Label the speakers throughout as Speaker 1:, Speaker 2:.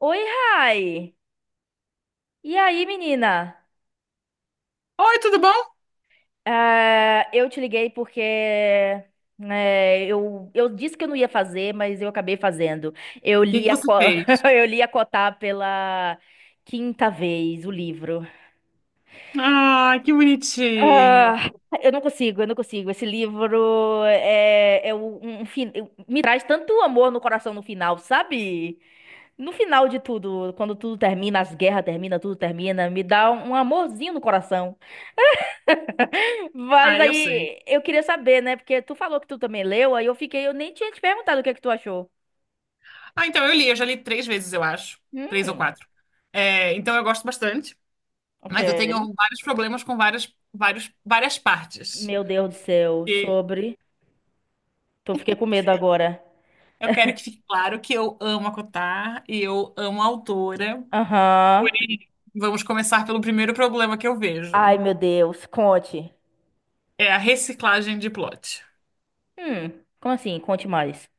Speaker 1: Oi, Rai! E aí, menina?
Speaker 2: Oi, tudo bom?
Speaker 1: Ah, eu te liguei porque, né, eu disse que eu não ia fazer, mas eu acabei fazendo. Eu
Speaker 2: O que
Speaker 1: li
Speaker 2: que
Speaker 1: a,
Speaker 2: você
Speaker 1: Co-
Speaker 2: fez?
Speaker 1: eu li a Cotá pela quinta vez o livro.
Speaker 2: Ah, que bonitinho.
Speaker 1: Ah, eu não consigo. Esse livro me traz tanto amor no coração no final, sabe? No final de tudo, quando tudo termina, as guerras terminam, tudo termina, me dá um amorzinho no coração. Mas
Speaker 2: Ah, eu sei.
Speaker 1: aí eu queria saber, né? Porque tu falou que tu também leu, aí eu fiquei, eu nem tinha te perguntado o que é que tu achou.
Speaker 2: Ah, então eu já li três vezes, eu acho. Três ou
Speaker 1: Hum,
Speaker 2: quatro. É, então eu gosto bastante,
Speaker 1: ok.
Speaker 2: mas eu tenho vários problemas com várias partes.
Speaker 1: Meu Deus do céu,
Speaker 2: E
Speaker 1: sobre. Tô fiquei com medo agora.
Speaker 2: eu quero que fique claro que eu amo a Kotar e eu amo a autora.
Speaker 1: Aham.
Speaker 2: Porém, vamos começar pelo primeiro problema que eu vejo.
Speaker 1: Ai, meu Deus, conte.
Speaker 2: É a reciclagem de plot.
Speaker 1: Hum, Como assim? Conte mais.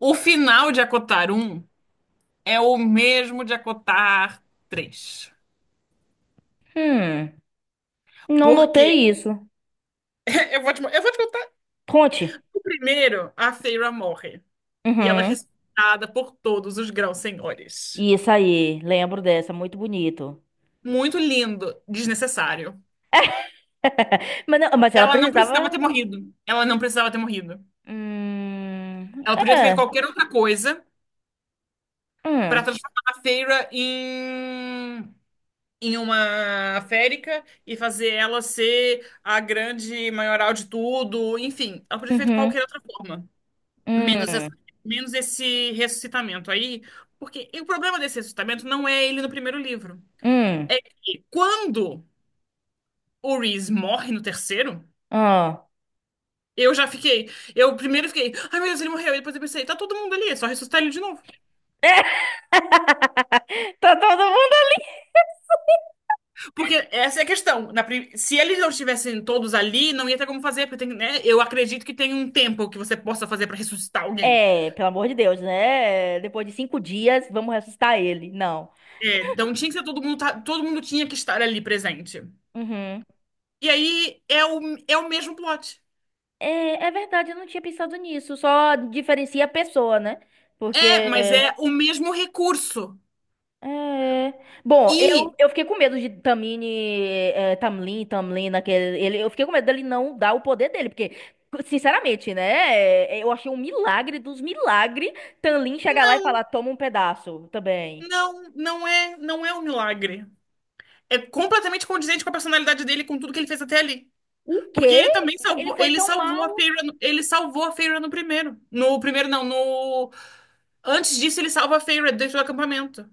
Speaker 2: O final de Acotar Um é o mesmo de Acotar 3.
Speaker 1: Hum, não
Speaker 2: Porque
Speaker 1: notei isso.
Speaker 2: Eu vou te contar.
Speaker 1: Conte.
Speaker 2: O primeiro, a Feyre morre. E ela é
Speaker 1: Uhum.
Speaker 2: respeitada por todos os grãos senhores.
Speaker 1: Isso aí, lembro dessa, muito bonito.
Speaker 2: Muito lindo, desnecessário.
Speaker 1: Mas, não, mas ela
Speaker 2: Ela não precisava
Speaker 1: precisava.
Speaker 2: ter morrido. Ela não precisava ter morrido.
Speaker 1: Hum,
Speaker 2: Ela podia ter feito
Speaker 1: é.
Speaker 2: qualquer outra coisa para
Speaker 1: Hum,
Speaker 2: transformar a Feyre em, uma férica e fazer ela ser a grande maioral de tudo. Enfim, ela podia ter feito
Speaker 1: uhum,
Speaker 2: qualquer outra forma. Menos, essa-
Speaker 1: hum,
Speaker 2: Menos esse ressuscitamento aí. Porque e o problema desse ressuscitamento não é ele no primeiro livro.
Speaker 1: hum,
Speaker 2: É que quando o Reese morre no terceiro,
Speaker 1: ah.
Speaker 2: eu já fiquei. Eu primeiro fiquei, ai meu Deus, ele morreu. E depois eu pensei, tá todo mundo ali, é só ressuscitar ele de novo.
Speaker 1: É, tá todo mundo ali.
Speaker 2: Porque essa é a questão. Se eles não estivessem todos ali, não ia ter como fazer. Porque tem, né, eu acredito que tem um tempo que você possa fazer pra ressuscitar alguém.
Speaker 1: É, pelo amor de Deus, né? Depois de cinco dias, vamos ressuscitar ele. Não.
Speaker 2: É, então tinha que ser todo mundo, todo mundo tinha que estar ali presente.
Speaker 1: Uhum.
Speaker 2: E aí é é o mesmo plot.
Speaker 1: É, é verdade, eu não tinha pensado nisso. Só diferencia a pessoa, né? Porque.
Speaker 2: É, mas é o mesmo recurso.
Speaker 1: É... Bom, eu,
Speaker 2: E
Speaker 1: eu fiquei com medo de Tamlin, naquele. Ele, eu fiquei com medo dele não dar o poder dele, porque, sinceramente, né? Eu achei um milagre dos milagres Tamlin chegar lá e falar: toma um pedaço também.
Speaker 2: não, não é um milagre. É completamente condizente com a personalidade dele, com tudo que ele fez até ali.
Speaker 1: O
Speaker 2: Porque
Speaker 1: quê?
Speaker 2: ele também
Speaker 1: Ele
Speaker 2: salvou,
Speaker 1: foi
Speaker 2: ele
Speaker 1: tão
Speaker 2: salvou a
Speaker 1: mal.
Speaker 2: Feyre, ele salvou a Feyre no primeiro. No primeiro não, no antes disso ele salva a Feyre dentro do acampamento,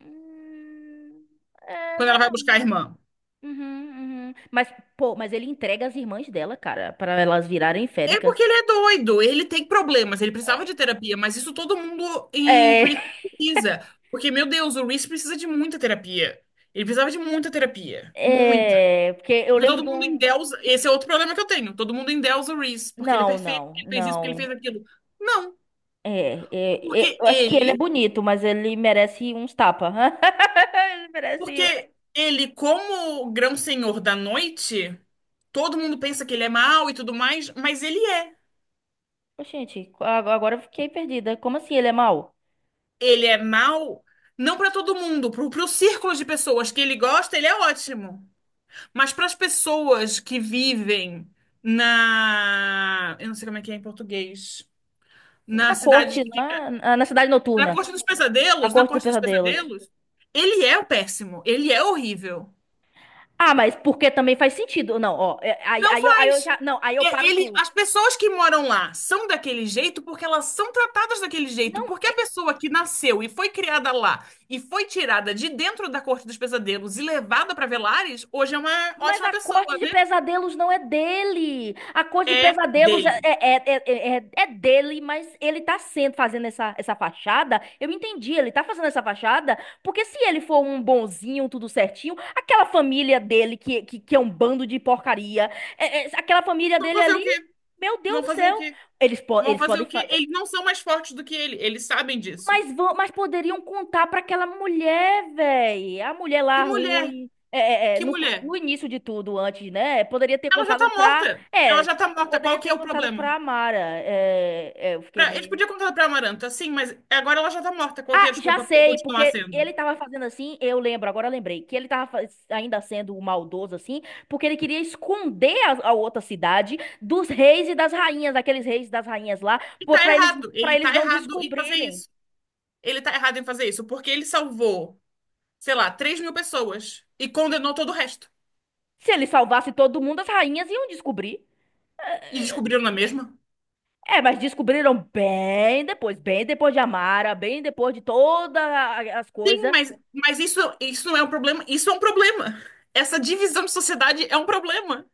Speaker 1: Hum, É,
Speaker 2: quando ela
Speaker 1: mas.
Speaker 2: vai buscar a irmã.
Speaker 1: Uhum, uhum. Mas, pô, mas ele entrega as irmãs dela, cara, para elas virarem
Speaker 2: É porque
Speaker 1: féricas.
Speaker 2: ele é doido, ele tem problemas, ele precisava de terapia, mas isso todo mundo em
Speaker 1: É,
Speaker 2: Prison precisa. Porque, meu Deus, o Reese precisa de muita terapia. Ele precisava de muita terapia.
Speaker 1: é, porque eu
Speaker 2: Porque
Speaker 1: lembro
Speaker 2: todo
Speaker 1: de
Speaker 2: mundo
Speaker 1: um.
Speaker 2: endeusa. Esse é outro problema que eu tenho. Todo mundo endeusa o Reese, porque ele é
Speaker 1: Não,
Speaker 2: perfeito, porque
Speaker 1: não,
Speaker 2: ele fez isso, porque ele
Speaker 1: não.
Speaker 2: fez aquilo. Não,
Speaker 1: É, é,
Speaker 2: porque
Speaker 1: eu acho que ele é
Speaker 2: ele,
Speaker 1: bonito, mas ele merece uns tapa. Ele merece. Um,
Speaker 2: porque ele, como grão-senhor da noite, todo mundo pensa que ele é mau e tudo mais, mas ele é.
Speaker 1: ô, gente, agora eu fiquei perdida. Como assim ele é mau?
Speaker 2: Ele é mau, não para todo mundo, pro círculo de pessoas que ele gosta, ele é ótimo. Mas para as pessoas que vivem na. Eu não sei como é que é em português. Na
Speaker 1: Na
Speaker 2: cidade
Speaker 1: corte,
Speaker 2: que
Speaker 1: lá, na cidade
Speaker 2: Na
Speaker 1: noturna,
Speaker 2: Corte dos
Speaker 1: na
Speaker 2: Pesadelos, na
Speaker 1: corte dos
Speaker 2: Corte dos
Speaker 1: pesadelos.
Speaker 2: Pesadelos, ele é o péssimo, ele é horrível.
Speaker 1: Ah, mas porque também faz sentido. Não, ó, é,
Speaker 2: Não
Speaker 1: aí eu
Speaker 2: faz.
Speaker 1: já. Não, aí eu paro
Speaker 2: Ele,
Speaker 1: tudo.
Speaker 2: as pessoas que moram lá são daquele jeito porque elas são tratadas daquele jeito.
Speaker 1: Não,
Speaker 2: Porque a
Speaker 1: é-
Speaker 2: pessoa que nasceu e foi criada lá e foi tirada de dentro da Corte dos Pesadelos e levada para Velares, hoje é uma
Speaker 1: mas
Speaker 2: ótima
Speaker 1: a corte
Speaker 2: pessoa,
Speaker 1: de
Speaker 2: né?
Speaker 1: pesadelos não é dele. A corte de
Speaker 2: É
Speaker 1: pesadelos
Speaker 2: dele.
Speaker 1: é dele, mas ele tá sendo fazendo essa fachada. Eu entendi, ele tá fazendo essa fachada, porque se ele for um bonzinho, tudo certinho, aquela família dele, que é um bando de porcaria, aquela família
Speaker 2: Vão
Speaker 1: dele
Speaker 2: fazer o
Speaker 1: ali,
Speaker 2: quê?
Speaker 1: meu Deus
Speaker 2: Vão
Speaker 1: do
Speaker 2: fazer o
Speaker 1: céu.
Speaker 2: quê?
Speaker 1: Eles, po
Speaker 2: Vão
Speaker 1: eles
Speaker 2: fazer
Speaker 1: podem.
Speaker 2: o quê? Eles não são mais fortes do que ele, eles sabem disso.
Speaker 1: Mas poderiam contar para aquela mulher, velho. A mulher
Speaker 2: Que
Speaker 1: lá
Speaker 2: mulher,
Speaker 1: ruim.
Speaker 2: que mulher.
Speaker 1: No início de tudo, antes, né? Poderia ter
Speaker 2: Ela já
Speaker 1: contado
Speaker 2: tá
Speaker 1: pra.
Speaker 2: morta. Ela
Speaker 1: É,
Speaker 2: já tá morta. Qual
Speaker 1: poderia
Speaker 2: que
Speaker 1: ter
Speaker 2: é o
Speaker 1: contado
Speaker 2: problema?
Speaker 1: pra Amara. É, é, eu fiquei
Speaker 2: Pra, eles
Speaker 1: meio.
Speaker 2: podiam contar pra Amaranta, sim, mas agora ela já tá morta. Qual que é a
Speaker 1: Ah, já
Speaker 2: desculpa pra ele
Speaker 1: sei,
Speaker 2: continuar
Speaker 1: porque
Speaker 2: sendo?
Speaker 1: ele tava fazendo assim, eu lembro, agora eu lembrei, que ele ainda sendo maldoso assim, porque ele queria esconder a outra cidade dos reis e das rainhas, daqueles reis e das rainhas lá,
Speaker 2: E
Speaker 1: pô,
Speaker 2: tá errado.
Speaker 1: pra
Speaker 2: Ele
Speaker 1: eles
Speaker 2: tá
Speaker 1: não
Speaker 2: errado em fazer
Speaker 1: descobrirem.
Speaker 2: isso. Ele tá errado em fazer isso porque ele salvou, sei lá, 3 mil pessoas e condenou todo o resto.
Speaker 1: Se ele salvasse todo mundo, as rainhas iam descobrir.
Speaker 2: E descobriram na mesma?
Speaker 1: É, mas descobriram bem depois de Amara, bem depois de todas as
Speaker 2: Sim,
Speaker 1: coisas.
Speaker 2: mas, isso não é um problema. Isso é um problema. Essa divisão de sociedade é um problema.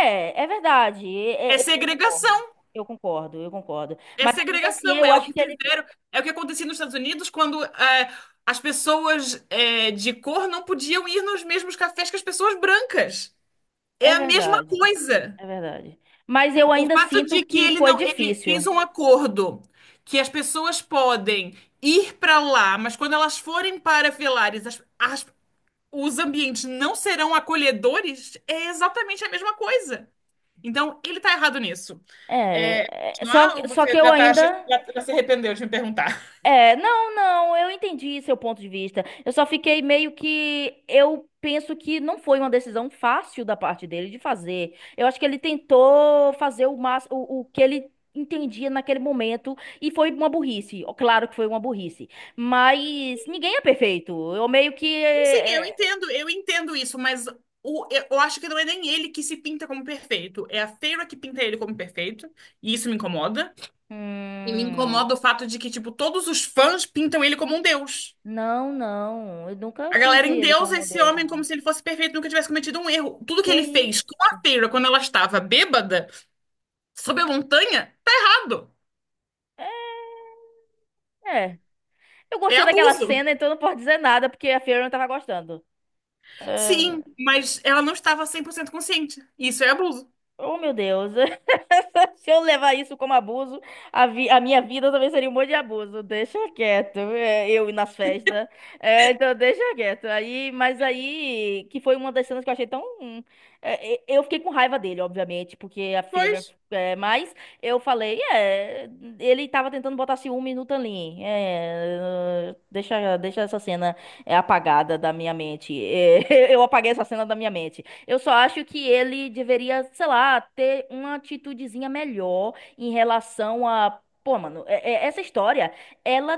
Speaker 1: É, é verdade.
Speaker 2: É segregação.
Speaker 1: Eu concordo, eu concordo.
Speaker 2: É
Speaker 1: Mas ainda assim,
Speaker 2: segregação,
Speaker 1: eu
Speaker 2: é o
Speaker 1: acho
Speaker 2: que
Speaker 1: que ele.
Speaker 2: fizeram, é o que acontecia nos Estados Unidos quando é, as pessoas é, de cor não podiam ir nos mesmos cafés que as pessoas brancas. É
Speaker 1: É
Speaker 2: a mesma
Speaker 1: verdade,
Speaker 2: coisa.
Speaker 1: é verdade. Mas eu
Speaker 2: O
Speaker 1: ainda
Speaker 2: fato
Speaker 1: sinto
Speaker 2: de que
Speaker 1: que
Speaker 2: ele
Speaker 1: foi
Speaker 2: não, ele fez
Speaker 1: difícil.
Speaker 2: um acordo que as pessoas podem ir para lá, mas quando elas forem para Velares, os ambientes não serão acolhedores, é exatamente a mesma coisa. Então, ele está errado nisso. É,
Speaker 1: É, é,
Speaker 2: continuar, ou
Speaker 1: só que
Speaker 2: você
Speaker 1: eu
Speaker 2: já tá
Speaker 1: ainda.
Speaker 2: achando, já se arrependeu de me perguntar?
Speaker 1: É, não, não, eu entendi seu ponto de vista. Eu só fiquei meio que. Eu penso que não foi uma decisão fácil da parte dele de fazer. Eu acho que ele tentou fazer o que ele entendia naquele momento e foi uma burrice. Ó, claro que foi uma burrice. Mas ninguém é perfeito. Eu meio que.
Speaker 2: Sim, sim, eu entendo isso, mas o, eu acho que não é nem ele que se pinta como perfeito, é a Feira que pinta ele como perfeito, e isso me incomoda. E me
Speaker 1: Hum,
Speaker 2: incomoda o fato de que, tipo, todos os fãs pintam ele como um deus.
Speaker 1: não, não. Eu nunca
Speaker 2: A galera
Speaker 1: pintei ele
Speaker 2: endeusa
Speaker 1: como
Speaker 2: esse
Speaker 1: Deus,
Speaker 2: homem
Speaker 1: não.
Speaker 2: como se ele fosse perfeito, nunca tivesse cometido um erro. Tudo que
Speaker 1: Que
Speaker 2: ele fez com
Speaker 1: isso?
Speaker 2: a Feira quando ela estava bêbada Sob a montanha? Tá errado.
Speaker 1: É. É. Eu
Speaker 2: É
Speaker 1: gostei daquela
Speaker 2: abuso.
Speaker 1: cena, então não posso dizer nada, porque a Fiona tava gostando.
Speaker 2: Sim,
Speaker 1: Ah,
Speaker 2: mas ela não estava 100% consciente. Isso é abuso.
Speaker 1: oh, meu Deus. Se eu levar isso como abuso, a minha vida também seria um monte de abuso. Deixa quieto. É, eu ir nas festas. É, então, deixa quieto. Aí, mas aí, que foi uma das cenas que eu achei tão. É, eu fiquei com raiva dele, obviamente, porque a
Speaker 2: Pois.
Speaker 1: Feira. É, mas eu falei, é. Ele tava tentando botar ciúme no Tanlin. É, deixa essa cena apagada da minha mente. É, eu apaguei essa cena da minha mente. Eu só acho que ele deveria, sei lá, ter uma atitudezinha melhor em relação a. Pô, mano, essa história, ela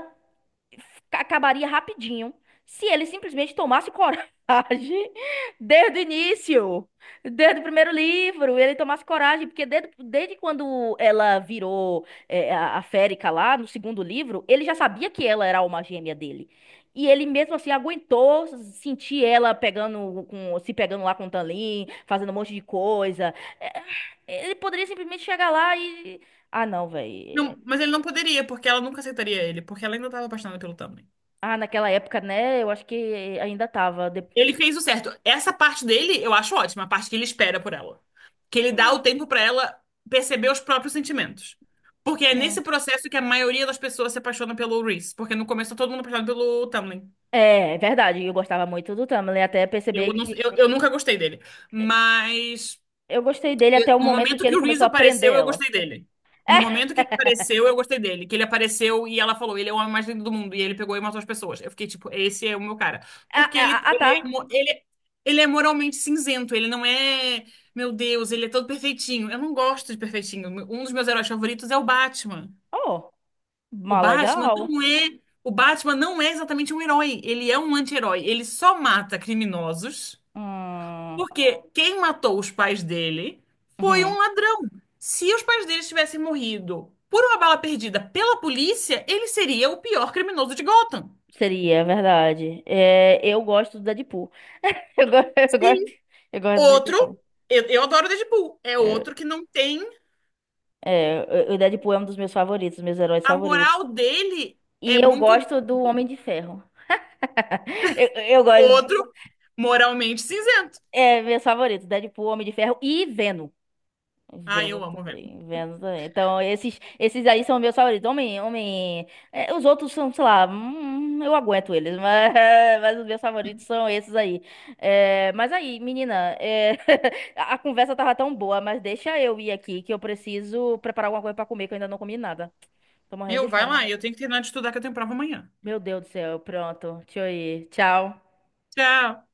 Speaker 1: acabaria rapidinho se ele simplesmente tomasse coragem desde o início, desde o primeiro livro, ele tomasse coragem, porque desde quando ela virou a Férica lá, no segundo livro, ele já sabia que ela era a alma gêmea dele. E ele mesmo assim aguentou sentir ela se pegando lá com o Tanlin, fazendo um monte de coisa. É, ele poderia simplesmente chegar lá e. Ah, não,
Speaker 2: Não,
Speaker 1: velho.
Speaker 2: mas ele não poderia, porque ela nunca aceitaria ele, porque ela ainda estava apaixonada pelo Tamlin.
Speaker 1: Ah, naquela época, né? Eu acho que ainda tava.
Speaker 2: Ele fez o certo. Essa parte dele eu acho ótima, a parte que ele espera por ela. Que ele dá o
Speaker 1: Hum,
Speaker 2: tempo pra ela perceber os próprios sentimentos. Porque é nesse
Speaker 1: hum.
Speaker 2: processo que a maioria das pessoas se apaixona pelo Reese, porque no começo tá todo mundo apaixonado pelo Tamlin.
Speaker 1: É, é verdade, eu gostava muito do Tamlin, até perceber
Speaker 2: Eu, não-
Speaker 1: que
Speaker 2: eu nunca gostei dele. Mas
Speaker 1: eu gostei dele
Speaker 2: E
Speaker 1: até o
Speaker 2: no
Speaker 1: momento
Speaker 2: momento
Speaker 1: que
Speaker 2: que
Speaker 1: ele
Speaker 2: o Reese
Speaker 1: começou a prender
Speaker 2: apareceu, eu
Speaker 1: ela.
Speaker 2: gostei dele. No momento que ele apareceu, eu gostei dele. Que ele apareceu e ela falou, ele é o homem mais lindo do mundo. E ele pegou e matou as pessoas. Eu fiquei tipo, esse é o meu cara.
Speaker 1: Ah,
Speaker 2: Porque
Speaker 1: é, ah,
Speaker 2: ele,
Speaker 1: ah,
Speaker 2: ele, é,
Speaker 1: tá.
Speaker 2: mo- ele, ele é moralmente cinzento. Ele não é, meu Deus, ele é todo perfeitinho. Eu não gosto de perfeitinho. Um dos meus heróis favoritos é o Batman.
Speaker 1: Oh,
Speaker 2: O
Speaker 1: mó
Speaker 2: Batman
Speaker 1: legal.
Speaker 2: não é, o Batman não é exatamente um herói. Ele é um anti-herói. Ele só mata criminosos.
Speaker 1: Hum,
Speaker 2: Porque quem matou os pais dele foi
Speaker 1: uhum.
Speaker 2: um ladrão. Se os pais dele tivessem morrido por uma bala perdida pela polícia, ele seria o pior criminoso de Gotham.
Speaker 1: Seria, é verdade. É, eu gosto do Deadpool. Eu, go- eu gosto,
Speaker 2: Sim.
Speaker 1: eu gosto do
Speaker 2: Outro,
Speaker 1: Deadpool.
Speaker 2: eu adoro Deadpool, é
Speaker 1: Eu-
Speaker 2: outro que não tem.
Speaker 1: é, o Deadpool é um dos meus favoritos, meus heróis
Speaker 2: A
Speaker 1: favoritos.
Speaker 2: moral dele
Speaker 1: E
Speaker 2: é
Speaker 1: eu
Speaker 2: muito.
Speaker 1: gosto do Homem de Ferro. Eu, eu gosto,
Speaker 2: Outro, moralmente cinzento.
Speaker 1: meu favorito. Deadpool, Homem de Ferro e Venom.
Speaker 2: Ah,
Speaker 1: Vendo
Speaker 2: eu amo, velho.
Speaker 1: também, vendo também. Então, esses aí são meus favoritos. Os outros são, sei lá, eu aguento eles, mas, mas os meus favoritos são esses aí. É, mas aí, menina, é, a conversa tava tão boa, mas deixa eu ir aqui que eu preciso preparar alguma coisa pra comer, que eu ainda não comi nada. Tô morrendo de
Speaker 2: Meu, vai
Speaker 1: fome.
Speaker 2: lá, eu tenho que terminar de estudar que eu tenho prova amanhã.
Speaker 1: Meu Deus do céu, pronto. Deixa eu ir. Tchau.
Speaker 2: Tchau.